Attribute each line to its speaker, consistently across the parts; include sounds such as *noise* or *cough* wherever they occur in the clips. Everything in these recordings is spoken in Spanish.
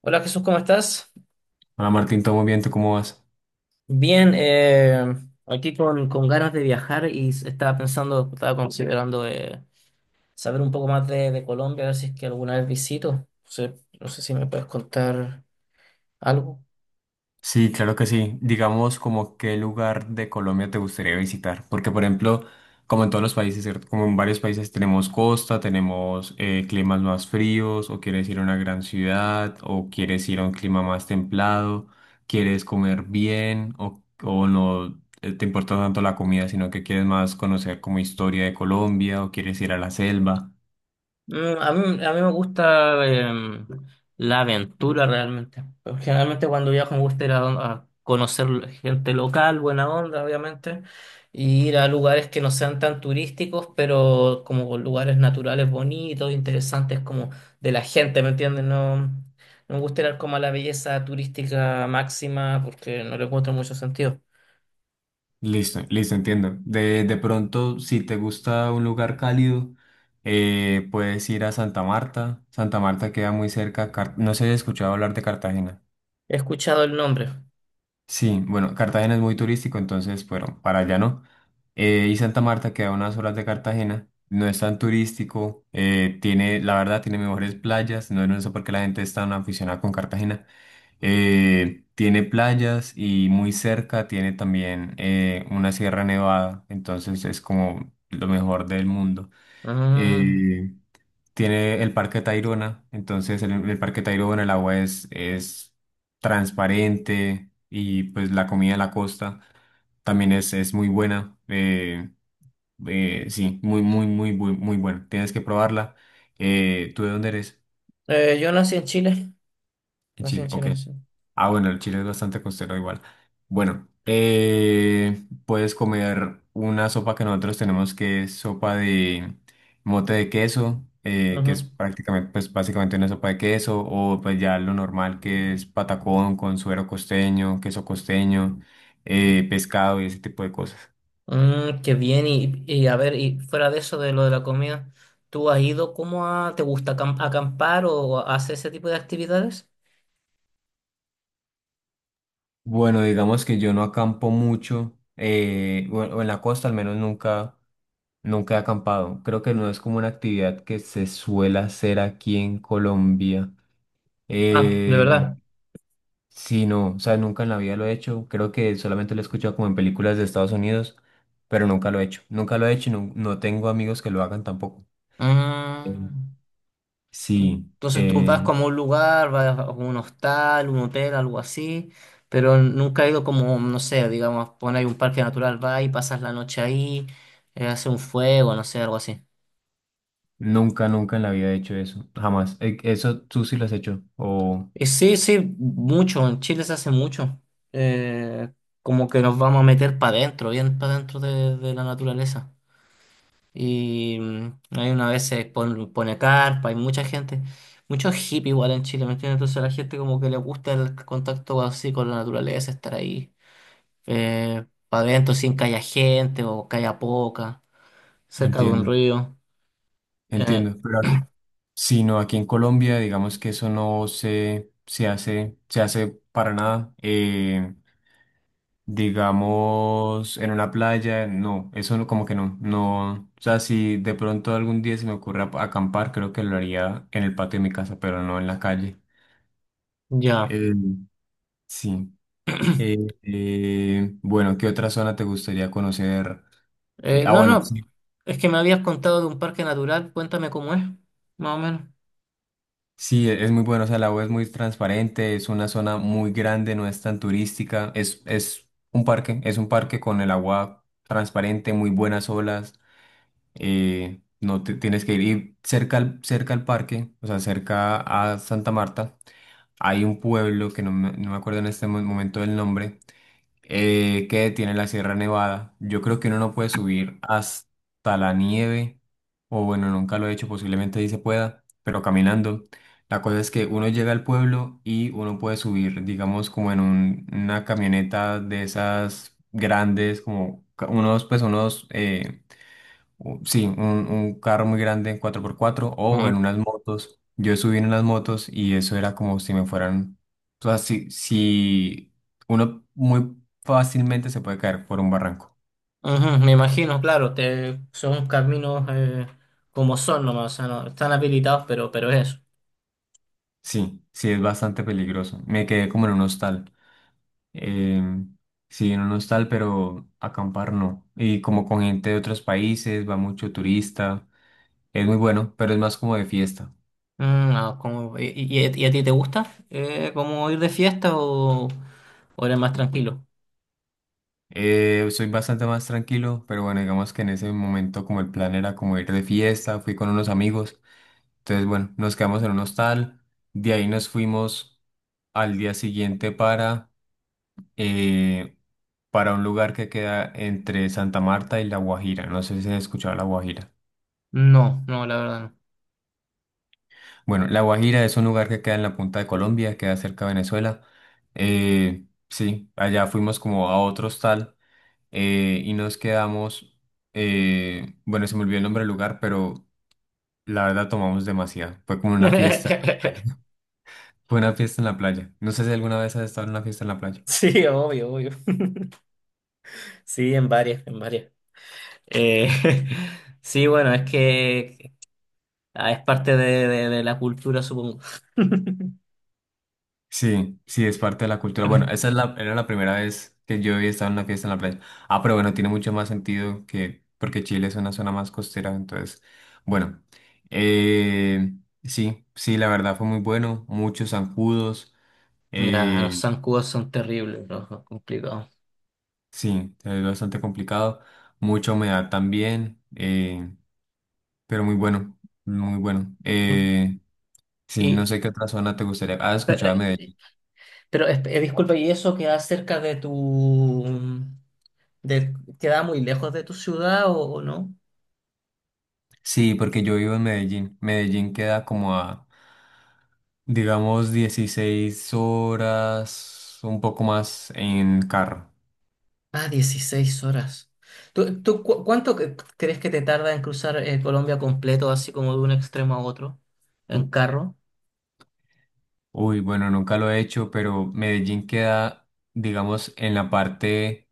Speaker 1: Hola Jesús, ¿cómo estás?
Speaker 2: Hola Martín, todo muy bien, ¿tú cómo vas?
Speaker 1: Bien, aquí con ganas de viajar y estaba pensando, estaba considerando saber un poco más de Colombia, a ver si es que alguna vez visito. No sé, no sé si me puedes contar algo.
Speaker 2: Sí, claro que sí. Digamos, como qué lugar de Colombia te gustaría visitar. Porque, por ejemplo, como en todos los países, ¿cierto? Como en varios países tenemos costa, tenemos climas más fríos, o quieres ir a una gran ciudad, o quieres ir a un clima más templado, quieres comer bien, o no, te importa tanto la comida, sino que quieres más conocer como historia de Colombia, o quieres ir a la selva.
Speaker 1: Mm, a mí me gusta la aventura realmente. Pero generalmente cuando viajo me gusta ir a conocer gente local, buena onda, obviamente, y ir a lugares que no sean tan turísticos, pero como lugares naturales bonitos, interesantes como de la gente, ¿me entiendes? No me gusta ir como a la belleza turística máxima porque no le encuentro mucho sentido.
Speaker 2: Listo, listo, entiendo. De pronto, si te gusta un lugar cálido, puedes ir a Santa Marta. Santa Marta queda muy cerca. No sé si has escuchado hablar de Cartagena.
Speaker 1: He escuchado el nombre.
Speaker 2: Sí, bueno, Cartagena es muy turístico, entonces, bueno, para allá no. Y Santa Marta queda a unas horas de Cartagena. No es tan turístico. Tiene, la verdad, tiene mejores playas. No, no sé por qué la gente es tan aficionada con Cartagena. Tiene playas y muy cerca tiene también una sierra nevada, entonces es como lo mejor del mundo.
Speaker 1: Mm.
Speaker 2: Eh, Tiene el Parque Tayrona, entonces en el Parque Tayrona el agua es transparente y pues la comida de la costa también es muy buena. Sí, muy, muy, muy, muy, muy buena. Tienes que probarla. ¿Tú de dónde eres?
Speaker 1: Yo nací en Chile.
Speaker 2: En
Speaker 1: Nací en
Speaker 2: Chile, ok.
Speaker 1: Chile, sí.
Speaker 2: Ah, bueno, el Chile es bastante costero igual. Bueno, puedes comer una sopa que nosotros tenemos que es sopa de mote de queso, que es prácticamente, pues básicamente una sopa de queso, o pues ya lo normal que es patacón con suero costeño, queso costeño, pescado y ese tipo de cosas.
Speaker 1: Mm, qué bien, y a ver, y fuera de eso, de lo de la comida, ¿tú has ido te gusta acampar o haces ese tipo de actividades?
Speaker 2: Bueno, digamos que yo no acampo mucho, o en la costa al menos nunca, nunca he acampado. Creo que no es como una actividad que se suele hacer aquí en Colombia.
Speaker 1: Ah, ¿de
Speaker 2: Eh,
Speaker 1: verdad?
Speaker 2: sí, no, o sea, nunca en la vida lo he hecho. Creo que solamente lo he escuchado como en películas de Estados Unidos, pero nunca lo he hecho. Nunca lo he hecho y no, no tengo amigos que lo hagan tampoco. Eh,
Speaker 1: Ah, tú-
Speaker 2: sí,
Speaker 1: entonces tú vas como a un lugar, vas a un hostal, un hotel, algo así, pero nunca he ido como, no sé, digamos, poner un parque natural, vas y pasas la noche ahí, hace un fuego, no sé, algo así.
Speaker 2: nunca, nunca en la vida he hecho eso, jamás. Eso tú sí lo has hecho, o
Speaker 1: Sí, sí, mucho, en Chile se hace mucho. Eh, Como que nos vamos a meter para adentro, bien para adentro de la naturaleza. Y mm, hay una vez se pone carpa, hay mucha gente, muchos hippies igual en Chile, ¿me entiendes? Entonces a la gente como que le gusta el contacto así con la naturaleza, estar ahí para adentro sin que haya gente o que haya poca, cerca de un
Speaker 2: entiendo.
Speaker 1: río. Eh,
Speaker 2: Entiendo. Sino aquí en Colombia, digamos que eso no se hace, se hace para nada. Digamos, en una playa, no, eso como que no, no. O sea, si de pronto algún día se me ocurre acampar, creo que lo haría en el patio de mi casa, pero no en la calle.
Speaker 1: ya.
Speaker 2: Eh, sí.
Speaker 1: *clears throat*
Speaker 2: Eh, bueno, ¿qué otra zona te gustaría conocer? Ah,
Speaker 1: No,
Speaker 2: bueno,
Speaker 1: no,
Speaker 2: sí.
Speaker 1: es que me habías contado de un parque natural, cuéntame cómo es, más o menos.
Speaker 2: Sí, es muy bueno, o sea, la U es muy transparente, es una zona muy grande, no es tan turística, es un parque, es un parque con el agua transparente, muy buenas olas, no te tienes que ir y cerca al parque, o sea, cerca a Santa Marta, hay un pueblo que no me acuerdo en este momento del nombre, que tiene la Sierra Nevada. Yo creo que uno no puede subir hasta la nieve, o bueno, nunca lo he hecho, posiblemente sí se pueda, pero caminando. La cosa es que uno llega al pueblo y uno puede subir, digamos, como en una camioneta de esas grandes, como unos, sí, un carro muy grande en 4x4 o
Speaker 1: Ujú,
Speaker 2: en unas motos. Yo subí en unas motos y eso era como si me fueran, o sea, si uno muy fácilmente se puede caer por un barranco.
Speaker 1: ujú, me imagino, claro, son caminos como son nomás, o sea, no, están habilitados, pero es eso.
Speaker 2: Sí, sí, es bastante peligroso. Me quedé como en un hostal. Em, sí, en un hostal, pero acampar no. Y como con gente de otros países, va mucho turista. Es muy bueno, pero es más como de fiesta.
Speaker 1: Mm, y, y a ti te gusta como ir de fiesta o eres más tranquilo?
Speaker 2: Soy bastante más tranquilo, pero bueno, digamos que en ese momento como el plan era como ir de fiesta, fui con unos amigos, entonces bueno, nos quedamos en un hostal, de ahí nos fuimos al día siguiente eh, para un lugar que queda entre Santa Marta y La Guajira, no sé si has escuchado La Guajira.
Speaker 1: No, no, la verdad
Speaker 2: Bueno, La Guajira es un lugar que queda en la punta de Colombia, queda cerca de Venezuela, sí, allá fuimos como a otro hostal y nos quedamos, bueno, se me olvidó el nombre del lugar, pero la verdad tomamos demasiado. Fue como una
Speaker 1: no.
Speaker 2: fiesta,
Speaker 1: *laughs*
Speaker 2: *laughs* fue una fiesta en la playa. No sé si alguna vez has estado en una fiesta en la playa.
Speaker 1: Sí, obvio, obvio. Sí, en varias, en varias. Eh, *laughs* sí, bueno, es que es parte de la cultura, supongo. *laughs*
Speaker 2: Sí, sí, es parte de la cultura. Bueno, esa es la, era la primera vez que yo había estado en una fiesta en la playa. Ah, pero bueno, tiene mucho más sentido que, porque Chile es una zona más costera, entonces, bueno, eh, sí, sí, la verdad fue muy bueno, muchos zancudos.
Speaker 1: Ya, los
Speaker 2: eh,
Speaker 1: zancudos son terribles, los complicados.
Speaker 2: Sí, es bastante complicado, mucha humedad también, pero muy bueno, muy bueno. Sí,
Speaker 1: Y,
Speaker 2: no sé qué otra zona te gustaría. Ah,
Speaker 1: pero,
Speaker 2: escuchaba
Speaker 1: eh,
Speaker 2: Medellín.
Speaker 1: disculpa, ¿y eso queda cerca de tu... de- queda muy lejos de tu ciudad o no?
Speaker 2: Sí, porque yo vivo en Medellín. Medellín queda como a, digamos, 16 horas, un poco más en carro.
Speaker 1: Ah, 16 horas. ¿ Cuánto crees que te tarda en cruzar Colombia completo, así como de un extremo a otro, en carro?
Speaker 2: Uy, bueno, nunca lo he hecho, pero Medellín queda, digamos, en la parte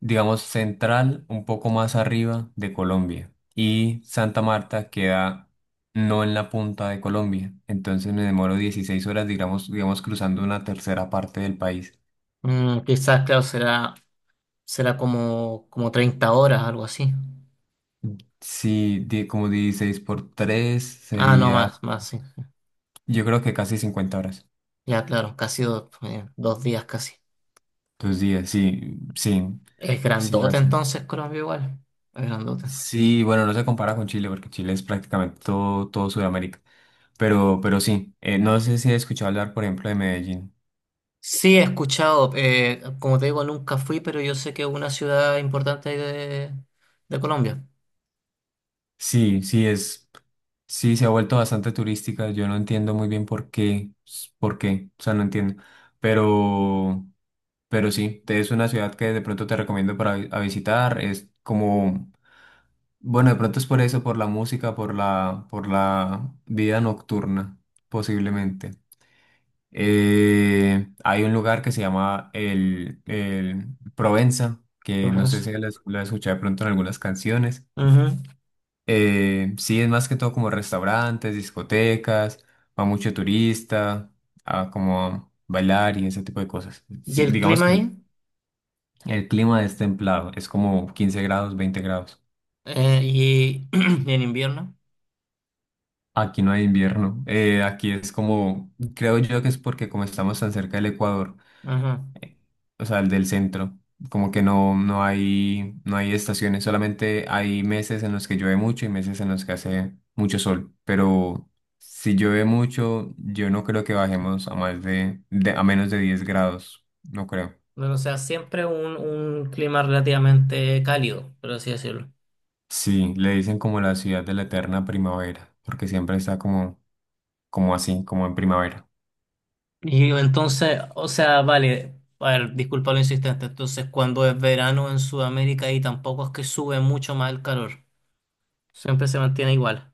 Speaker 2: digamos, central, un poco más arriba de Colombia. Y Santa Marta queda no en la punta de Colombia. Entonces me demoro 16 horas, digamos, cruzando una tercera parte del país.
Speaker 1: Mm, quizás, claro, será como, como 30 horas, algo así.
Speaker 2: Sí, como 16 por 3
Speaker 1: Ah, no,
Speaker 2: sería,
Speaker 1: más, más, sí.
Speaker 2: yo creo que casi 50 horas.
Speaker 1: Ya, claro, casi dos, dos días casi.
Speaker 2: 2 días, sí, sí,
Speaker 1: Es
Speaker 2: sí,
Speaker 1: grandote
Speaker 2: así.
Speaker 1: entonces Colombia igual. Es grandote.
Speaker 2: Sí, bueno, no se compara con Chile porque Chile es prácticamente todo, todo Sudamérica. Pero sí, no sé si he escuchado hablar, por ejemplo, de Medellín.
Speaker 1: Sí, he escuchado. Como te digo, nunca fui, pero yo sé que es una ciudad importante ahí de Colombia,
Speaker 2: Sí, sí se ha vuelto bastante turística. Yo no entiendo muy bien por qué, o sea, no entiendo. Pero, pero sí, es una ciudad que de pronto te recomiendo para a visitar. Es como, bueno, de pronto es por eso, por la música, por la vida nocturna, posiblemente. Hay un lugar que se llama el Provenza, que no sé
Speaker 1: Florencia.
Speaker 2: si lo has escuchado de pronto en algunas canciones.
Speaker 1: Ujú.
Speaker 2: Sí, es más que todo como restaurantes, discotecas, va mucho turista, a como a bailar y ese tipo de cosas.
Speaker 1: ¿Y
Speaker 2: Sí,
Speaker 1: el
Speaker 2: digamos
Speaker 1: clima
Speaker 2: que
Speaker 1: ahí?
Speaker 2: el clima es templado, es como 15 grados, 20 grados.
Speaker 1: Eh, y, *clears throat* ¿y en invierno?
Speaker 2: Aquí no hay invierno, aquí es como, creo yo que es porque como estamos tan cerca del Ecuador,
Speaker 1: Ajá.
Speaker 2: o sea, el del centro. Como que no hay estaciones, solamente hay meses en los que llueve mucho y meses en los que hace mucho sol. Pero si llueve mucho, yo no creo que bajemos a más de, a menos de 10 grados, no creo.
Speaker 1: Bueno, o sea, siempre un clima relativamente cálido, por así decirlo.
Speaker 2: Sí, le dicen como la ciudad de la eterna primavera, porque siempre está como, como así, como en primavera.
Speaker 1: Y entonces, o sea, vale, a ver, disculpa lo insistente. Entonces, ¿cuando es verano en Sudamérica ahí tampoco es que sube mucho más el calor? Siempre se mantiene igual.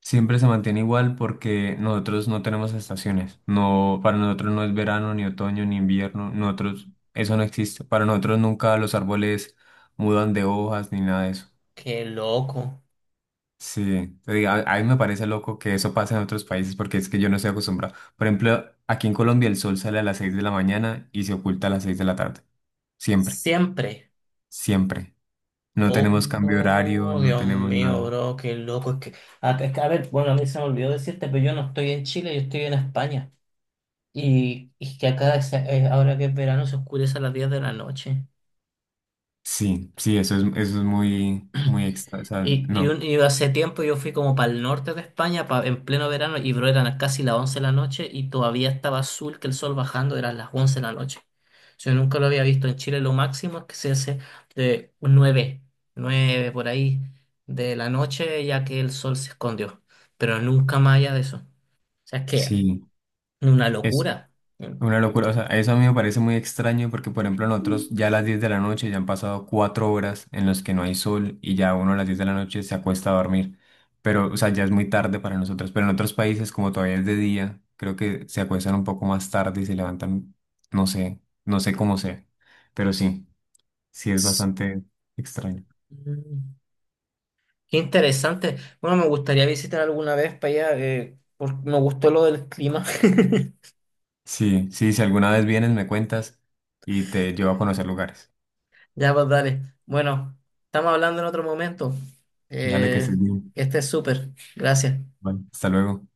Speaker 2: Siempre se mantiene igual porque nosotros no tenemos estaciones. No, para nosotros no es verano, ni otoño, ni invierno. Nosotros, eso no existe. Para nosotros nunca los árboles mudan de hojas ni nada de eso.
Speaker 1: Qué loco.
Speaker 2: Sí, te digo, a mí me parece loco que eso pase en otros países porque es que yo no estoy acostumbrado. Por ejemplo, aquí en Colombia el sol sale a las 6 de la mañana y se oculta a las 6 de la tarde. Siempre,
Speaker 1: Siempre.
Speaker 2: siempre. No tenemos cambio de horario,
Speaker 1: Oh,
Speaker 2: no
Speaker 1: Dios
Speaker 2: tenemos
Speaker 1: mío,
Speaker 2: nada.
Speaker 1: bro, qué loco. Es que, a ver, bueno, a mí se me olvidó decirte, pero yo no estoy en Chile, yo estoy en España. Y que acá, ahora que es verano, se oscurece a las 10 de la noche.
Speaker 2: Sí, sí, eso es muy, muy
Speaker 1: *clears throat*
Speaker 2: extra, o sea, no,
Speaker 1: Y hace tiempo yo fui como para el norte de España en pleno verano y bro, eran casi las 11 de la noche y todavía estaba azul que el sol bajando, eran las 11 de la noche. Yo nunca lo había visto en Chile, lo máximo es que se hace de un 9 9 por ahí de la noche ya que el sol se escondió, pero nunca más allá de eso. O sea, es que
Speaker 2: sí.
Speaker 1: una
Speaker 2: Es
Speaker 1: locura.
Speaker 2: una locura, o sea, eso a mí me parece muy extraño porque, por ejemplo, nosotros ya a las 10 de la noche ya han pasado 4 horas en las que no hay sol y ya uno a las 10 de la noche se acuesta a dormir, pero, o sea, ya es muy tarde para nosotros, pero en otros países como todavía es de día, creo que se acuestan un poco más tarde y se levantan, no sé, no sé cómo sea, pero sí, sí es
Speaker 1: Mm.
Speaker 2: bastante extraño.
Speaker 1: Qué interesante. Bueno, me gustaría visitar alguna vez para allá, me gustó lo del clima. *laughs*
Speaker 2: Sí, sí, si alguna vez vienes me cuentas y te llevo a conocer lugares.
Speaker 1: Ya, pues dale. Bueno, estamos hablando en otro momento.
Speaker 2: Dale que estés
Speaker 1: Eh,
Speaker 2: bien.
Speaker 1: este es súper. Gracias.
Speaker 2: Vale, hasta luego.